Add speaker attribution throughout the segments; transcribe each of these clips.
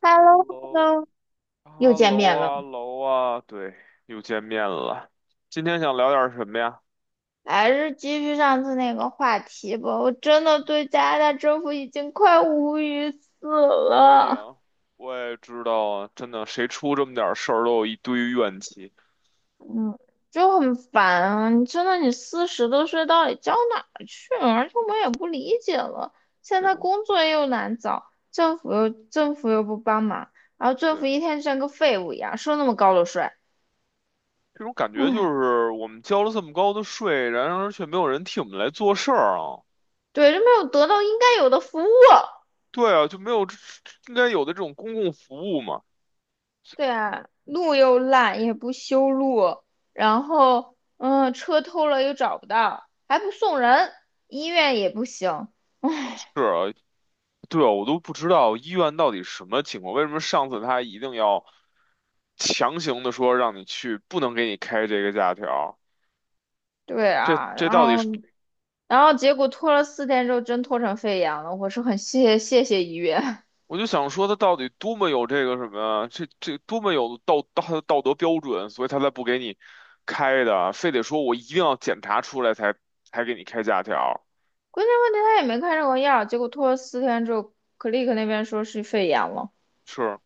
Speaker 1: h e l l o h e l
Speaker 2: Hello，
Speaker 1: l o
Speaker 2: h
Speaker 1: 又
Speaker 2: e l
Speaker 1: 见
Speaker 2: l o
Speaker 1: 面了。
Speaker 2: 啊，喽啊，对，又见面了。今天想聊点什么呀？
Speaker 1: 还是继续上次那个话题吧。我真的对加拿大政府已经快无语死
Speaker 2: 可以
Speaker 1: 了，
Speaker 2: 啊，我也知道啊，真的，谁出这么点事儿都有一堆怨气，
Speaker 1: 就很烦啊！你真的，你40多岁到底交哪儿去了？而且我也不理解了，现
Speaker 2: 这
Speaker 1: 在
Speaker 2: 种，
Speaker 1: 工作又难找，政府又不帮忙，然后政府
Speaker 2: 对，
Speaker 1: 一天就像个废物一样，收那么高的税。
Speaker 2: 这种感觉就
Speaker 1: 唉，
Speaker 2: 是我们交了这么高的税，然而却没有人替我们来做事儿啊。
Speaker 1: 对，就没有得到应该有的服务。
Speaker 2: 对啊，就没有这应该有的这种公共服务嘛。
Speaker 1: 对啊，路又烂，也不修路，然后车偷了又找不到，还不送人，医院也不行。
Speaker 2: 是啊，对啊，我都不知道医院到底什么情况，为什么上次他一定要。强行的说让你去，不能给你开这个假条，
Speaker 1: 对
Speaker 2: 这
Speaker 1: 啊，
Speaker 2: 这到底
Speaker 1: 后
Speaker 2: 是？
Speaker 1: 然后结果拖了四天之后，真拖成肺炎了。我是很谢谢谢医院。
Speaker 2: 我就想说，他到底多么有这个什么，这多么有道德标准，所以他才不给你开的，非得说我一定要检查出来才给你开假条，
Speaker 1: 关键问题他也没开任何药，结果拖了四天之后，Click 那边说是肺炎了。
Speaker 2: 是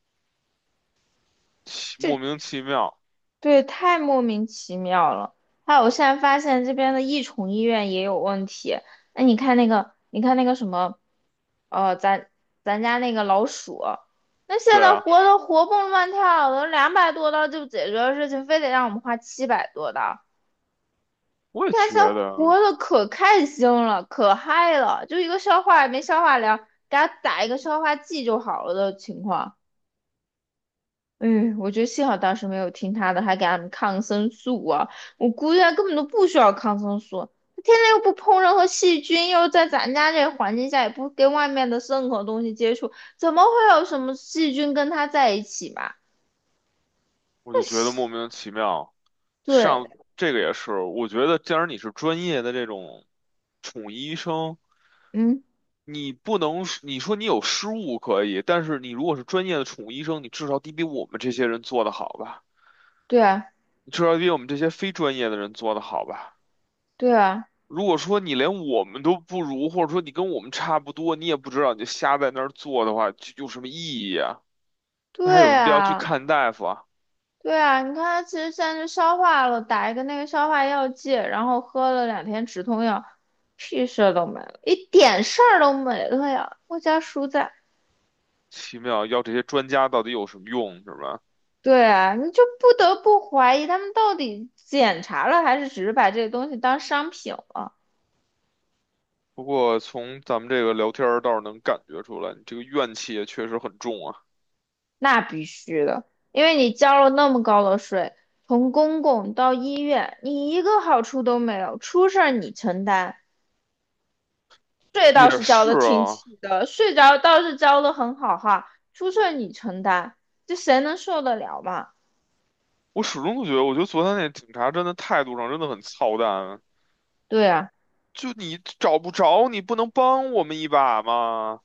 Speaker 2: 奇莫
Speaker 1: 这
Speaker 2: 名其妙。
Speaker 1: 对，太莫名其妙了。还有，我现在发现这边的益宠医院也有问题。哎，你看那个，你看那个什么。哦，咱家那个老鼠，那现
Speaker 2: 对
Speaker 1: 在
Speaker 2: 啊，
Speaker 1: 活的活蹦乱跳的，200多刀就解决的事情，非得让我们花700多刀。
Speaker 2: 我
Speaker 1: 你
Speaker 2: 也
Speaker 1: 看
Speaker 2: 觉
Speaker 1: 现在活
Speaker 2: 得，
Speaker 1: 的可开心了，可嗨了，就一个消化也没消化了，给它打一个消化剂就好了的情况。嗯，我觉得幸好当时没有听他的，还给他们抗生素啊！我估计他根本都不需要抗生素，他天天又不碰任何细菌，又在咱家这个环境下也不跟外面的任何东西接触，怎么会有什么细菌跟他在一起嘛？
Speaker 2: 我
Speaker 1: 那
Speaker 2: 就觉得
Speaker 1: 是
Speaker 2: 莫名其妙。
Speaker 1: 对，
Speaker 2: 上这个也是，我觉得既然你是专业的这种宠医生。
Speaker 1: 嗯，
Speaker 2: 你不能你说你有失误可以，但是你如果是专业的宠物医生，你至少得比我们这些人做得好吧？
Speaker 1: 对啊，
Speaker 2: 你至少得比我们这些非专业的人做得好吧？
Speaker 1: 对啊，
Speaker 2: 如果说你连我们都不如，或者说你跟我们差不多，你也不知道，你就瞎在那儿做的话，就有什么意义啊？那还有
Speaker 1: 对
Speaker 2: 什么必要去
Speaker 1: 啊，
Speaker 2: 看大夫啊？
Speaker 1: 对啊！你看他其实现在就消化了，打一个那个消化药剂，然后喝了2天止痛药，屁事儿都没了，一点
Speaker 2: 嗯
Speaker 1: 事儿都没了呀！我家叔在。
Speaker 2: 奇妙，要这些专家到底有什么用，是吧？
Speaker 1: 对啊，你就不得不怀疑他们到底检查了，还是只是把这个东西当商品了？
Speaker 2: 不过从咱们这个聊天儿倒是能感觉出来，你这个怨气也确实很重啊。
Speaker 1: 那必须的，因为你交了那么高的税，从公共到医院，你一个好处都没有，出事儿你承担，税
Speaker 2: 也
Speaker 1: 倒是交
Speaker 2: 是
Speaker 1: 的挺
Speaker 2: 啊，
Speaker 1: 齐的，税着倒是交的很好哈，出事儿你承担，这谁能受得了嘛？
Speaker 2: 我始终都觉得，我觉得昨天那警察真的态度上真的很操蛋。
Speaker 1: 对啊。
Speaker 2: 就你找不着，你不能帮我们一把吗？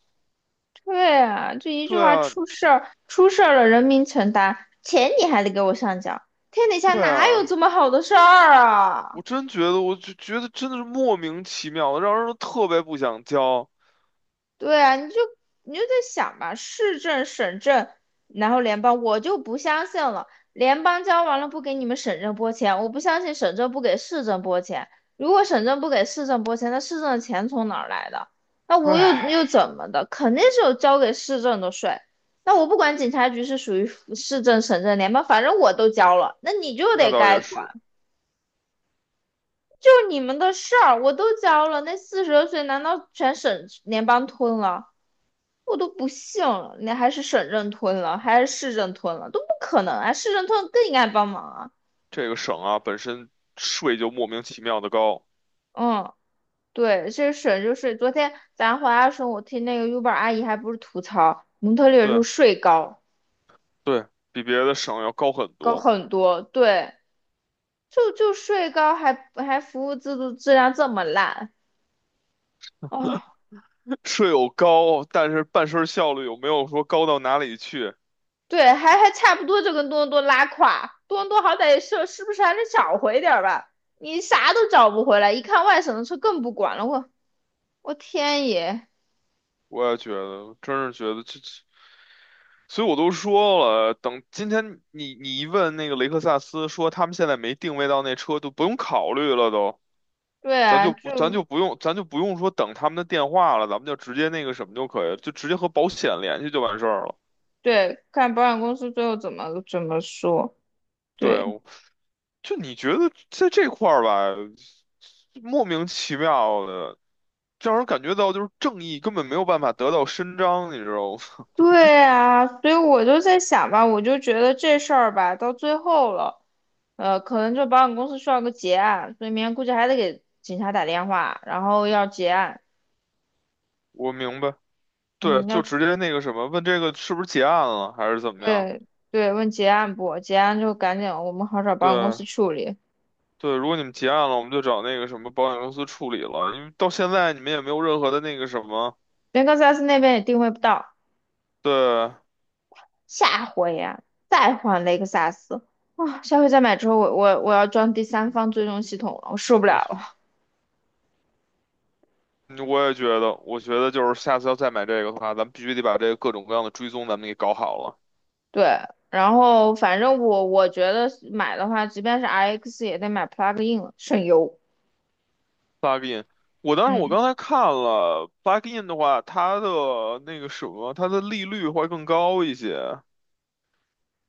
Speaker 1: 对啊，就一句
Speaker 2: 对
Speaker 1: 话
Speaker 2: 啊，
Speaker 1: 出事儿，出事儿了人民承担，钱你还得给我上缴，天底下
Speaker 2: 对
Speaker 1: 哪有这
Speaker 2: 啊，
Speaker 1: 么好的事儿啊？
Speaker 2: 我真觉得，我就觉得真的是莫名其妙的，让人特别不想交。
Speaker 1: 对啊，你就在想吧，市政、省政，然后联邦，我就不相信了。联邦交完了不给你们省政拨钱，我不相信省政不给市政拨钱。如果省政不给市政拨钱，那市政的钱从哪儿来的？那我又
Speaker 2: 唉，
Speaker 1: 怎么的？肯定是有交给市政的税。那我不管警察局是属于市政、省政、联邦，反正我都交了，那你就
Speaker 2: 那
Speaker 1: 得
Speaker 2: 倒
Speaker 1: 该
Speaker 2: 也
Speaker 1: 管，
Speaker 2: 是，
Speaker 1: 就你们的事儿，我都交了。那42岁难道全省联邦吞了？我都不信了，你还是省政吞了，还是市政吞了，都不可能啊！市政吞更应该帮忙啊。
Speaker 2: 这个省啊本身税就莫名其妙的高，
Speaker 1: 嗯，对，这个省就是昨天咱回来的时候，我听那个 Uber 阿姨还不是吐槽蒙特利尔就
Speaker 2: 对
Speaker 1: 是税高，
Speaker 2: 对，比别的省要高很
Speaker 1: 高
Speaker 2: 多。
Speaker 1: 很多。对，就税高，还服务制度质量这么烂。哦，
Speaker 2: 税有高，但是办事儿效率有没有说高到哪里去？
Speaker 1: 对，还差不多就跟多伦多拉胯，多伦多好歹也是，是不是还能找回点儿吧？你啥都找不回来，一看外省的车更不管了，我天爷！
Speaker 2: 我也觉得，真是觉得这。所以我都说了，等今天你一问那个雷克萨斯，说他们现在没定位到那车，就不用考虑了都，
Speaker 1: 对
Speaker 2: 咱
Speaker 1: 啊，
Speaker 2: 就
Speaker 1: 就
Speaker 2: 不咱就不用咱就不用说等他们的电话了，咱们就直接那个什么就可以了就直接和保险联系就完事儿了。
Speaker 1: 对，看保险公司最后怎么说。
Speaker 2: 对，
Speaker 1: 对，
Speaker 2: 就你觉得在这块儿吧，莫名其妙的，让人感觉到就是正义根本没有办法得到伸张，你知道吗？
Speaker 1: 对啊，所以我就在想吧，我就觉得这事儿吧，到最后了，可能就保险公司需要个结案，所以明天估计还得给警察打电话，然后要结案。
Speaker 2: 我明白，对，
Speaker 1: 嗯，要
Speaker 2: 就直接那个什么，问这个是不是结案了，还是怎么样？
Speaker 1: 对对，问结案不？结案就赶紧我们好找保险公
Speaker 2: 对。
Speaker 1: 司处理，
Speaker 2: 对，如果你们结案了，我们就找那个什么保险公司处理了，因为到现在你们也没有任何的那个什么。
Speaker 1: 连克萨斯那边也定位不到。
Speaker 2: 对，
Speaker 1: 下回呀、再换雷克萨斯啊！下回再买之后，我要装第三方追踪系统了，我受不了
Speaker 2: 那
Speaker 1: 了。
Speaker 2: 嗯我也觉得，我觉得就是下次要再买这个的话，咱们必须得把这个各种各样的追踪咱们给搞好了。
Speaker 1: 对，然后反正我觉得买的话，即便是 RX 也得买 plug in 了，省油。
Speaker 2: Plugin，我当时我
Speaker 1: 嗯
Speaker 2: 刚才看了 Plugin 的话，它的那个什么，它的利率会更高一些，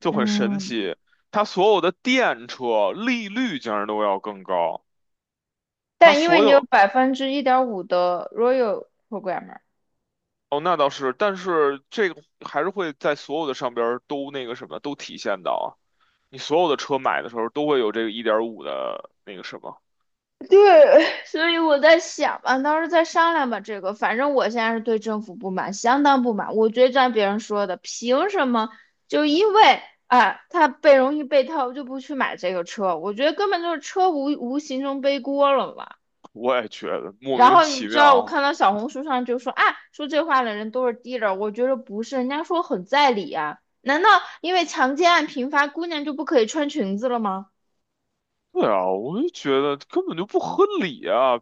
Speaker 2: 就很神
Speaker 1: 嗯，
Speaker 2: 奇。它所有的电车利率竟然都要更高，它
Speaker 1: 但因为
Speaker 2: 所
Speaker 1: 你有
Speaker 2: 有。
Speaker 1: 1.5%的 Royal Program。m e r
Speaker 2: 哦，那倒是，但是这个还是会在所有的上边儿都那个什么，都体现到啊。你所有的车买的时候都会有这个1.5的那个什么，
Speaker 1: 对，所以我在想吧，到时候再商量吧。这个，反正我现在是对政府不满，相当不满。我觉得就像别人说的，凭什么就因为啊，他被容易被套，就不去买这个车？我觉得根本就是车无形中背锅了嘛。
Speaker 2: 我也觉得莫
Speaker 1: 然
Speaker 2: 名
Speaker 1: 后你
Speaker 2: 其
Speaker 1: 知道，我
Speaker 2: 妙。
Speaker 1: 看到小红书上就说啊，说这话的人都是 dealer，我觉得不是，人家说很在理啊。难道因为强奸案频发，姑娘就不可以穿裙子了吗？
Speaker 2: 对啊，我就觉得根本就不合理啊！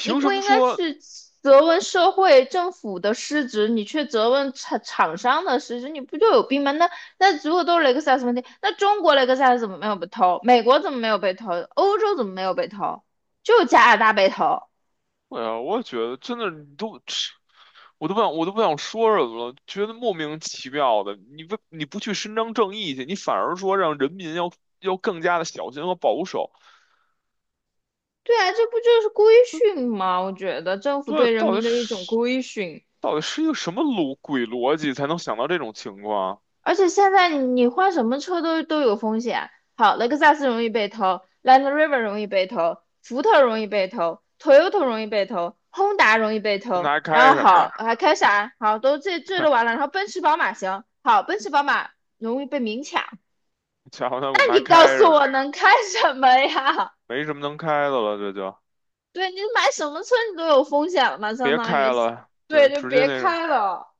Speaker 1: 你不
Speaker 2: 什么
Speaker 1: 应该
Speaker 2: 说？
Speaker 1: 去责问社会政府的失职，你却责问厂商的失职，你不就有病吗？那如果都是雷克萨斯问题，那中国雷克萨斯怎么没有被偷？美国怎么没有被偷？欧洲怎么没有被偷？就加拿大被偷。
Speaker 2: 对呀，我也觉得真的，你都，我都不想，我都不想说什么了，觉得莫名其妙的。你不，你不去伸张正义去，你反而说让人民要更加的小心和保守。
Speaker 1: 对啊，这不就是规训吗？我觉得政府
Speaker 2: 对，
Speaker 1: 对人民的一种规训。
Speaker 2: 到底是一个什么逻辑才能想到这种情况？
Speaker 1: 而且现在你换什么车都有风险。好，雷克萨斯容易被偷，Land Rover 容易被偷，福特容易被偷，Toyota 容易被偷，Honda 容易被
Speaker 2: 那
Speaker 1: 偷。
Speaker 2: 还
Speaker 1: 然
Speaker 2: 开
Speaker 1: 后
Speaker 2: 什么呀？
Speaker 1: 好，还开啥？好，都这都完 了。然后奔驰、宝马行，好，奔驰、宝马容易被明抢。
Speaker 2: 瞧瞧，那我
Speaker 1: 那
Speaker 2: 们
Speaker 1: 你
Speaker 2: 还
Speaker 1: 告
Speaker 2: 开
Speaker 1: 诉
Speaker 2: 什么？
Speaker 1: 我能开什么呀？
Speaker 2: 没什么能开的了，这就
Speaker 1: 对，你买什么车你都有风险了嘛，相
Speaker 2: 别
Speaker 1: 当于，
Speaker 2: 开了。对，
Speaker 1: 对，就
Speaker 2: 直接
Speaker 1: 别
Speaker 2: 那种
Speaker 1: 开了。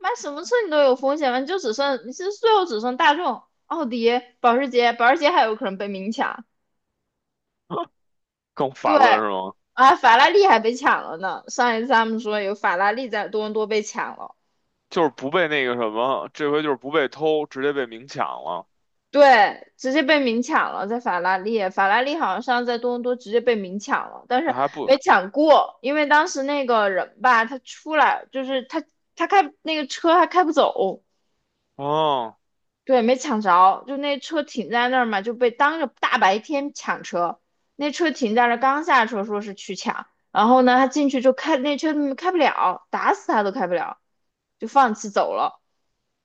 Speaker 1: 买什么车你都有风险吗？就只剩你是最后只剩大众、奥迪、保时捷，保时捷还有可能被明抢。
Speaker 2: 更
Speaker 1: 对
Speaker 2: 烦了是吗？
Speaker 1: 啊，法拉利还被抢了呢。上一次他们说有法拉利在多伦多被抢了，
Speaker 2: 就是不被那个什么，这回就是不被偷，直接被明抢了。
Speaker 1: 对，直接被明抢了，在法拉利，法拉利好像上次在多伦多直接被明抢了，但
Speaker 2: 那
Speaker 1: 是
Speaker 2: 还不，
Speaker 1: 没抢过，因为当时那个人吧，他出来就是他开那个车还开不走，
Speaker 2: 哦
Speaker 1: 对，没抢着，就那车停在那儿嘛，就被当着大白天抢车。那车停在那儿，刚下车说是去抢，然后呢，他进去就开那车开不了，打死他都开不了，就放弃走了。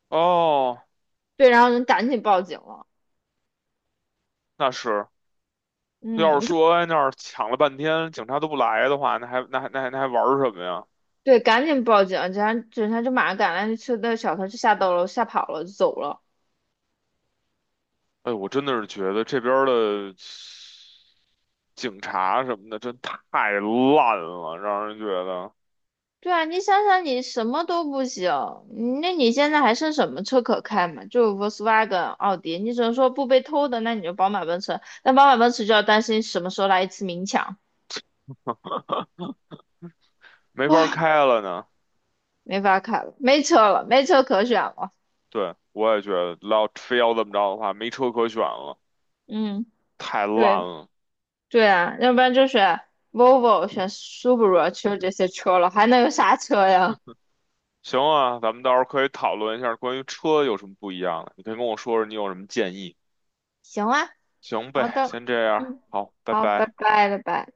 Speaker 2: 哦，
Speaker 1: 对，然后人赶紧报警了。
Speaker 2: 那是。要
Speaker 1: 嗯，
Speaker 2: 是说哎那儿抢了半天，警察都不来的话，那还玩儿什么呀？
Speaker 1: 对，赶紧报警，警察就马上赶来，那车的小偷就下到了，吓跑了，就走了。
Speaker 2: 哎，我真的是觉得这边儿的。警察什么的，真太烂了，让人觉得
Speaker 1: 对啊，你想想，你什么都不行，那你现在还剩什么车可开嘛？就 Volkswagen、奥迪，你只能说不被偷的，那你就宝马、奔驰。那宝马、奔驰就要担心什么时候来一次明抢，
Speaker 2: 没
Speaker 1: 哇，
Speaker 2: 法开了呢。
Speaker 1: 没法开了，没车了，没车可选了。
Speaker 2: 对，我也觉得，要非要这么着的话，没车可选了，
Speaker 1: 嗯，
Speaker 2: 太烂
Speaker 1: 对
Speaker 2: 了。
Speaker 1: 对啊，要不然就选 Volvo、选 Subaru，只有这些车了，还能有啥车呀？
Speaker 2: 行啊，咱们到时候可以讨论一下关于车有什么不一样的，你可以跟我说说你有什么建议。
Speaker 1: 行啊，
Speaker 2: 行
Speaker 1: 好
Speaker 2: 呗，
Speaker 1: 的，
Speaker 2: 先这样，
Speaker 1: 嗯，
Speaker 2: 好，拜
Speaker 1: 好，拜
Speaker 2: 拜。
Speaker 1: 拜，拜拜。